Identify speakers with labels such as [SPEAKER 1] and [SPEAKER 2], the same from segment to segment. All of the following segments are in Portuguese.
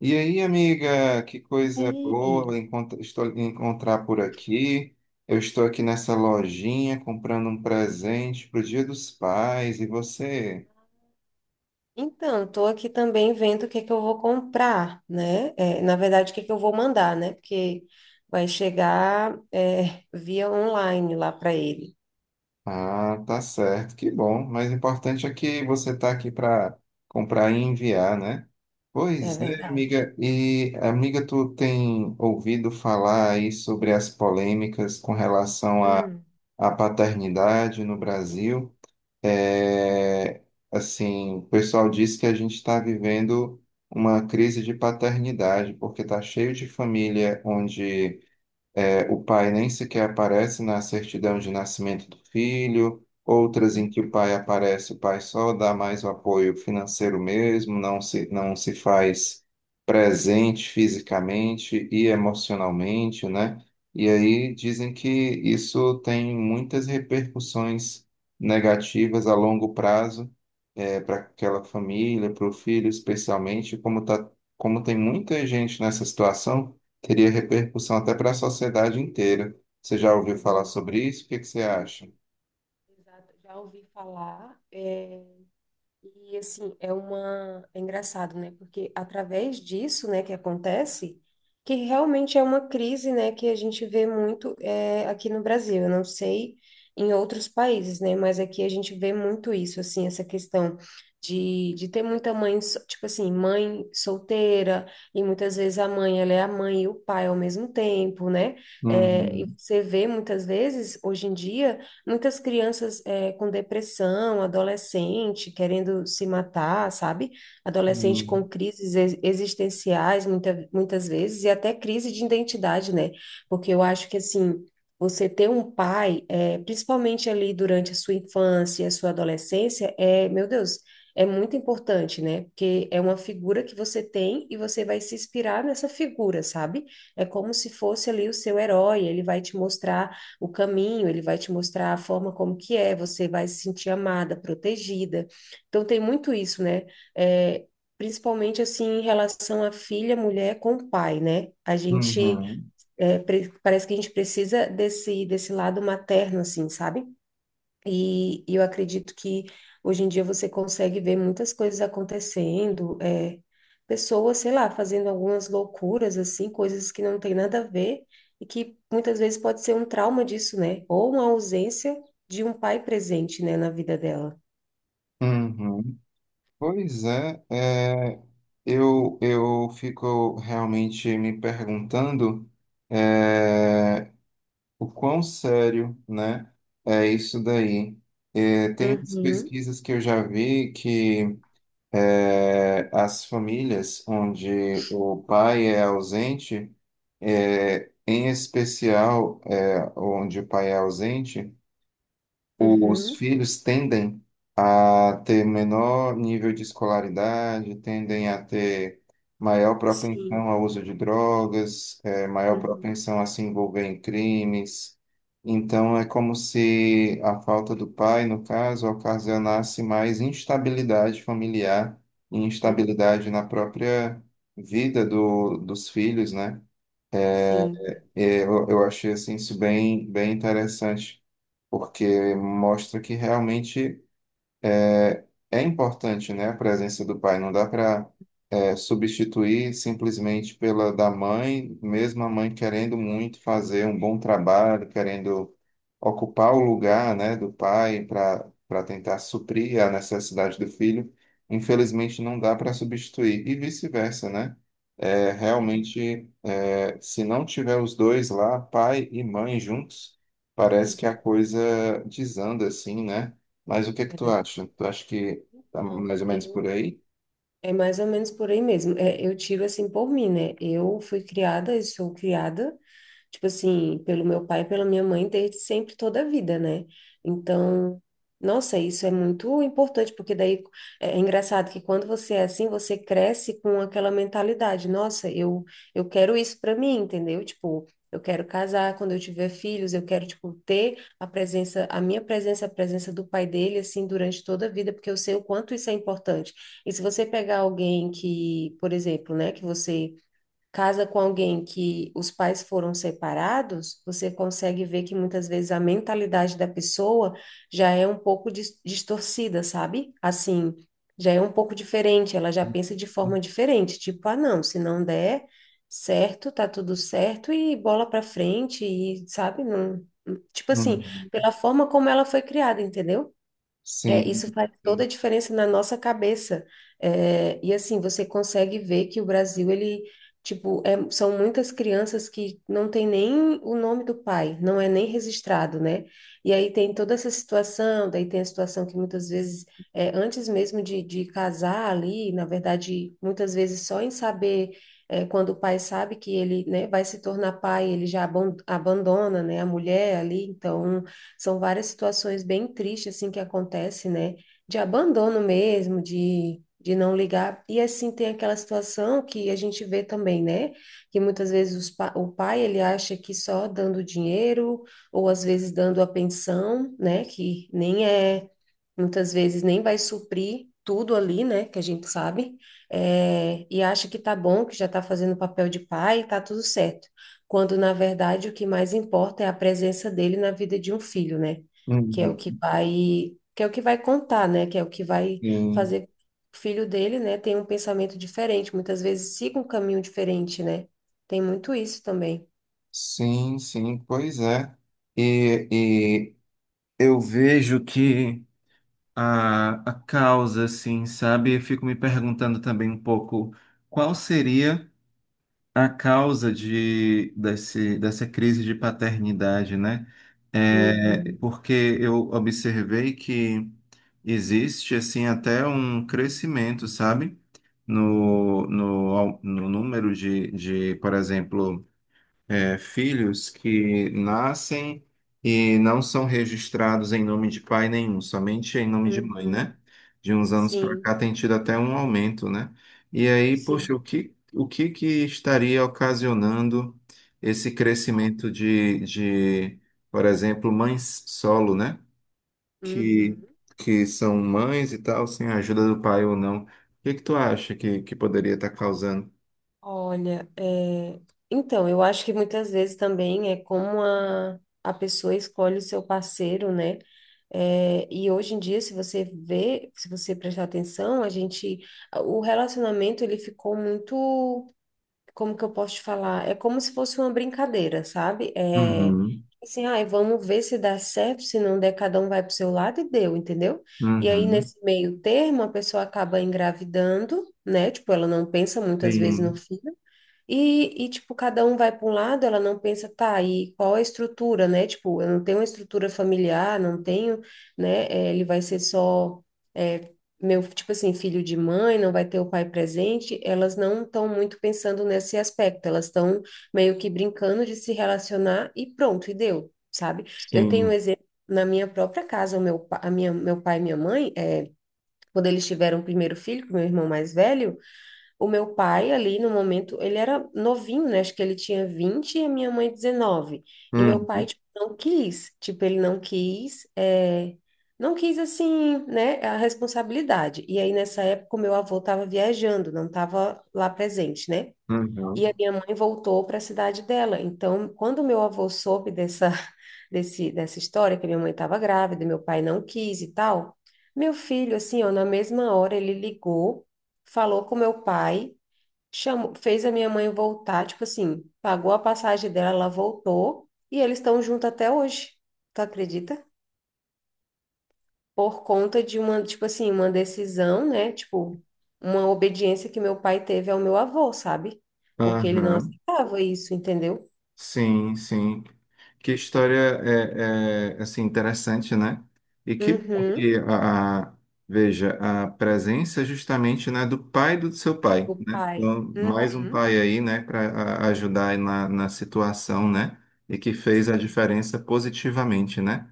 [SPEAKER 1] E aí, amiga, que coisa boa
[SPEAKER 2] Sim.
[SPEAKER 1] estou encontrar por aqui. Eu estou aqui nessa lojinha comprando um presente para o Dia dos Pais. E você?
[SPEAKER 2] Então, estou aqui também vendo o que é que eu vou comprar, né? Na verdade, o que é que eu vou mandar, né? Porque vai chegar via online lá para ele.
[SPEAKER 1] Ah, tá certo, que bom. Mas o importante é que você está aqui para comprar e enviar, né?
[SPEAKER 2] É
[SPEAKER 1] Pois é,
[SPEAKER 2] verdade.
[SPEAKER 1] amiga. E, amiga, tu tem ouvido falar aí sobre as polêmicas com relação à
[SPEAKER 2] Hum.
[SPEAKER 1] à paternidade no Brasil? É, assim, o pessoal diz que a gente está vivendo uma crise de paternidade, porque está cheio de família onde é, o pai nem sequer aparece na certidão de nascimento do filho, outras em
[SPEAKER 2] Hum.
[SPEAKER 1] que o pai aparece, o pai só dá mais o apoio financeiro mesmo, não se faz presente fisicamente e emocionalmente, né? E aí dizem que isso tem muitas repercussões negativas a longo prazo, para aquela família, para o filho especialmente, como tá, como tem muita gente nessa situação. Teria repercussão até para a sociedade inteira. Você já ouviu falar sobre isso? O que que você acha?
[SPEAKER 2] Exato. Já ouvi falar. E assim, é uma é engraçado, né? Porque através disso, né, que acontece, que realmente é uma crise, né, que a gente vê muito aqui no Brasil. Eu não sei em outros países, né, mas aqui a gente vê muito isso, assim, essa questão de ter muita mãe, tipo assim, mãe solteira, e muitas vezes a mãe, ela é a mãe e o pai ao mesmo tempo, né? É, e
[SPEAKER 1] Uhum,
[SPEAKER 2] você vê muitas vezes, hoje em dia, muitas crianças com depressão, adolescente querendo se matar, sabe? Adolescente
[SPEAKER 1] sim.
[SPEAKER 2] com crises existenciais, muitas vezes, e até crise de identidade, né? Porque eu acho que, assim, você ter um pai, é, principalmente ali durante a sua infância, a sua adolescência, é, meu Deus, é muito importante, né? Porque é uma figura que você tem e você vai se inspirar nessa figura, sabe? É como se fosse ali o seu herói, ele vai te mostrar o caminho, ele vai te mostrar a forma como que é, você vai se sentir amada, protegida. Então tem muito isso, né? É, principalmente assim em relação à filha, mulher com o pai, né? A gente
[SPEAKER 1] Uhum,
[SPEAKER 2] é, parece que a gente precisa desse lado materno, assim, sabe? E eu acredito que hoje em dia você consegue ver muitas coisas acontecendo, é, pessoas, sei lá, fazendo algumas loucuras, assim, coisas que não tem nada a ver e que muitas vezes pode ser um trauma disso, né? Ou uma ausência de um pai presente, né, na vida dela.
[SPEAKER 1] uhum. Pois é, é, eu fico realmente me perguntando é, o quão sério, né, é isso daí. É, tem umas
[SPEAKER 2] Uhum,
[SPEAKER 1] pesquisas que eu já vi que é, as famílias onde o pai é ausente. É, em especial, é, onde o pai é ausente, os
[SPEAKER 2] uhum,
[SPEAKER 1] filhos tendem a ter menor nível de escolaridade, tendem a ter maior
[SPEAKER 2] sim,
[SPEAKER 1] propensão ao uso de drogas, é, maior
[SPEAKER 2] uhum,
[SPEAKER 1] propensão a se envolver em crimes. Então, é como se a falta do pai, no caso, ocasionasse mais instabilidade familiar e
[SPEAKER 2] uhum,
[SPEAKER 1] instabilidade na própria vida dos filhos, né?
[SPEAKER 2] sim,
[SPEAKER 1] É, eu achei assim, isso bem, bem interessante, porque mostra que realmente é importante, né, a presença do pai. Não dá para substituir simplesmente pela da mãe, mesmo a mãe querendo muito fazer um bom trabalho, querendo ocupar o lugar, né, do pai para tentar suprir a necessidade do filho. Infelizmente, não dá para substituir e vice-versa, né? É,
[SPEAKER 2] é verdade,
[SPEAKER 1] realmente, é, se não tiver os dois lá, pai e mãe juntos, parece que a
[SPEAKER 2] uhum,
[SPEAKER 1] coisa desanda assim, né? Mas o que que
[SPEAKER 2] é
[SPEAKER 1] tu
[SPEAKER 2] verdade.
[SPEAKER 1] acha? Tu acha que tá
[SPEAKER 2] Então,
[SPEAKER 1] mais ou menos por
[SPEAKER 2] eu.
[SPEAKER 1] aí.
[SPEAKER 2] É mais ou menos por aí mesmo. É, eu tiro assim por mim, né? Eu fui criada e sou criada tipo assim, pelo meu pai e pela minha mãe desde sempre, toda a vida, né? Então, nossa, isso é muito importante, porque daí é engraçado que quando você é assim, você cresce com aquela mentalidade, eu quero isso para mim, entendeu? Tipo, eu quero casar quando eu tiver filhos, eu quero, tipo, ter a presença, a minha presença, a presença do pai dele, assim, durante toda a vida, porque eu sei o quanto isso é importante. E se você pegar alguém que, por exemplo, né, que você casa com alguém que os pais foram separados, você consegue ver que muitas vezes a mentalidade da pessoa já é um pouco distorcida, sabe? Assim, já é um pouco diferente, ela já pensa de forma diferente, tipo, ah, não, se não der certo, tá tudo certo e bola pra frente e, sabe, não, tipo assim,
[SPEAKER 1] Uhum.
[SPEAKER 2] pela forma como ela foi criada, entendeu? É,
[SPEAKER 1] Sim,
[SPEAKER 2] isso faz toda
[SPEAKER 1] sim,
[SPEAKER 2] a diferença na nossa cabeça. É, e assim, você consegue ver que o Brasil, ele, tipo, são muitas crianças que não tem nem o nome do pai, não é nem registrado, né? E aí tem toda essa situação, daí tem a situação que muitas vezes, é, antes mesmo de casar ali, na verdade, muitas vezes só em saber, é, quando o pai sabe que ele, né, vai se tornar pai, ele já abandona, né, a mulher ali, então... São várias situações bem tristes, assim, que acontece, né? De abandono mesmo, de não ligar. E, assim, tem aquela situação que a gente vê também, né? Que muitas vezes os o pai, ele acha que só dando dinheiro, ou às vezes dando a pensão, né? Que nem é, muitas vezes nem vai suprir tudo ali, né? Que a gente sabe. É, e acha que tá bom, que já tá fazendo o papel de pai, tá tudo certo quando na verdade o que mais importa é a presença dele na vida de um filho, né? Que é o que
[SPEAKER 1] uhum,
[SPEAKER 2] vai, que é o que vai contar, né? Que é o que vai
[SPEAKER 1] sim,
[SPEAKER 2] fazer o filho dele, né, ter um pensamento diferente, muitas vezes siga um caminho diferente, né? Tem muito isso também.
[SPEAKER 1] sim, sim, pois é. E, e eu vejo que a causa, assim, sabe? Eu fico me perguntando também um pouco qual seria a causa de, desse, dessa crise de paternidade, né? É,
[SPEAKER 2] Uhum,
[SPEAKER 1] porque eu observei que existe, assim, até um crescimento, sabe? No número de, por exemplo, é, filhos que nascem e não são registrados em nome de pai nenhum, somente em nome de mãe,
[SPEAKER 2] uhum,
[SPEAKER 1] né? De uns anos para cá
[SPEAKER 2] sim,
[SPEAKER 1] tem tido até um aumento, né? E aí, poxa,
[SPEAKER 2] sim.
[SPEAKER 1] o que que estaria ocasionando esse crescimento de, por exemplo, mães solo, né? Que,
[SPEAKER 2] Uhum.
[SPEAKER 1] que são mães e tal, sem a ajuda do pai ou não. O que que tu acha que poderia estar causando?
[SPEAKER 2] Olha, é, então, eu acho que muitas vezes também é como a pessoa escolhe o seu parceiro, né? É, e hoje em dia, se você vê, se você prestar atenção, a gente, o relacionamento ele ficou muito, como que eu posso te falar? É como se fosse uma brincadeira, sabe? É,
[SPEAKER 1] Uhum,
[SPEAKER 2] assim, ai, vamos ver se dá certo, se não der, cada um vai pro seu lado e deu, entendeu? E aí,
[SPEAKER 1] uhum.
[SPEAKER 2] nesse meio termo, a pessoa acaba engravidando, né? Tipo, ela não pensa muitas vezes no
[SPEAKER 1] Sim,
[SPEAKER 2] filho tipo, cada um vai para um lado, ela não pensa, tá, e qual a estrutura, né? Tipo, eu não tenho uma estrutura familiar, não tenho, né? Ele vai ser só, eh, meu, tipo assim, filho de mãe, não vai ter o pai presente. Elas não estão muito pensando nesse aspecto, elas estão meio que brincando de se relacionar e pronto, e deu, sabe? Eu
[SPEAKER 1] sim.
[SPEAKER 2] tenho um exemplo na minha própria casa, o meu, pa- a minha, meu pai e minha mãe, quando eles tiveram o primeiro filho, com meu irmão mais velho. O meu pai, ali no momento, ele era novinho, né? Acho que ele tinha 20 e a minha mãe 19. E meu pai,
[SPEAKER 1] Uhum,
[SPEAKER 2] tipo, não quis. Tipo, ele não quis, é, não quis, assim, né? A responsabilidade. E aí, nessa época, o meu avô estava viajando, não estava lá presente, né? E a
[SPEAKER 1] uhum,
[SPEAKER 2] minha mãe voltou para a cidade dela. Então, quando meu avô soube dessa, dessa história, que minha mãe estava grávida, e meu pai não quis e tal, meu filho, assim, ó, na mesma hora, ele ligou, falou com meu pai chamou, fez a minha mãe voltar, tipo assim, pagou a passagem dela, ela voltou e eles estão juntos até hoje. Tu acredita? Por conta de uma, tipo assim, uma decisão, né? Tipo, uma obediência que meu pai teve ao meu avô, sabe? Porque ele não
[SPEAKER 1] uhum.
[SPEAKER 2] aceitava isso, entendeu?
[SPEAKER 1] Sim, sim. Que história é, é, assim interessante, né? E que bom
[SPEAKER 2] Uhum,
[SPEAKER 1] que a- veja a presença justamente, né, do pai do seu pai,
[SPEAKER 2] o
[SPEAKER 1] né?
[SPEAKER 2] pai.
[SPEAKER 1] Então, mais um
[SPEAKER 2] Uhum,
[SPEAKER 1] pai aí, né, para ajudar aí na, na situação, né? E que fez a
[SPEAKER 2] sim,
[SPEAKER 1] diferença positivamente, né?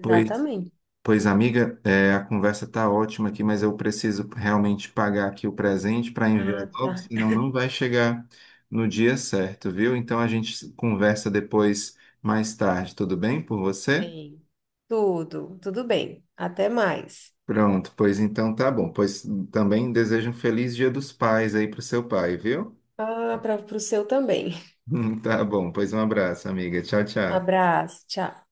[SPEAKER 1] Pois, pois, amiga, é, a conversa tá ótima aqui, mas eu preciso realmente pagar aqui o presente para enviar
[SPEAKER 2] Ah,
[SPEAKER 1] logo,
[SPEAKER 2] tá.
[SPEAKER 1] senão não vai chegar no dia certo, viu? Então a gente conversa depois, mais tarde, tudo bem por você?
[SPEAKER 2] Bem, tudo, tudo bem. Até mais.
[SPEAKER 1] Pronto, pois então tá bom. Pois também desejo um feliz Dia dos Pais aí pro seu pai, viu?
[SPEAKER 2] Ah, para o seu também.
[SPEAKER 1] Tá bom, pois um abraço, amiga. Tchau, tchau.
[SPEAKER 2] Abraço, tchau.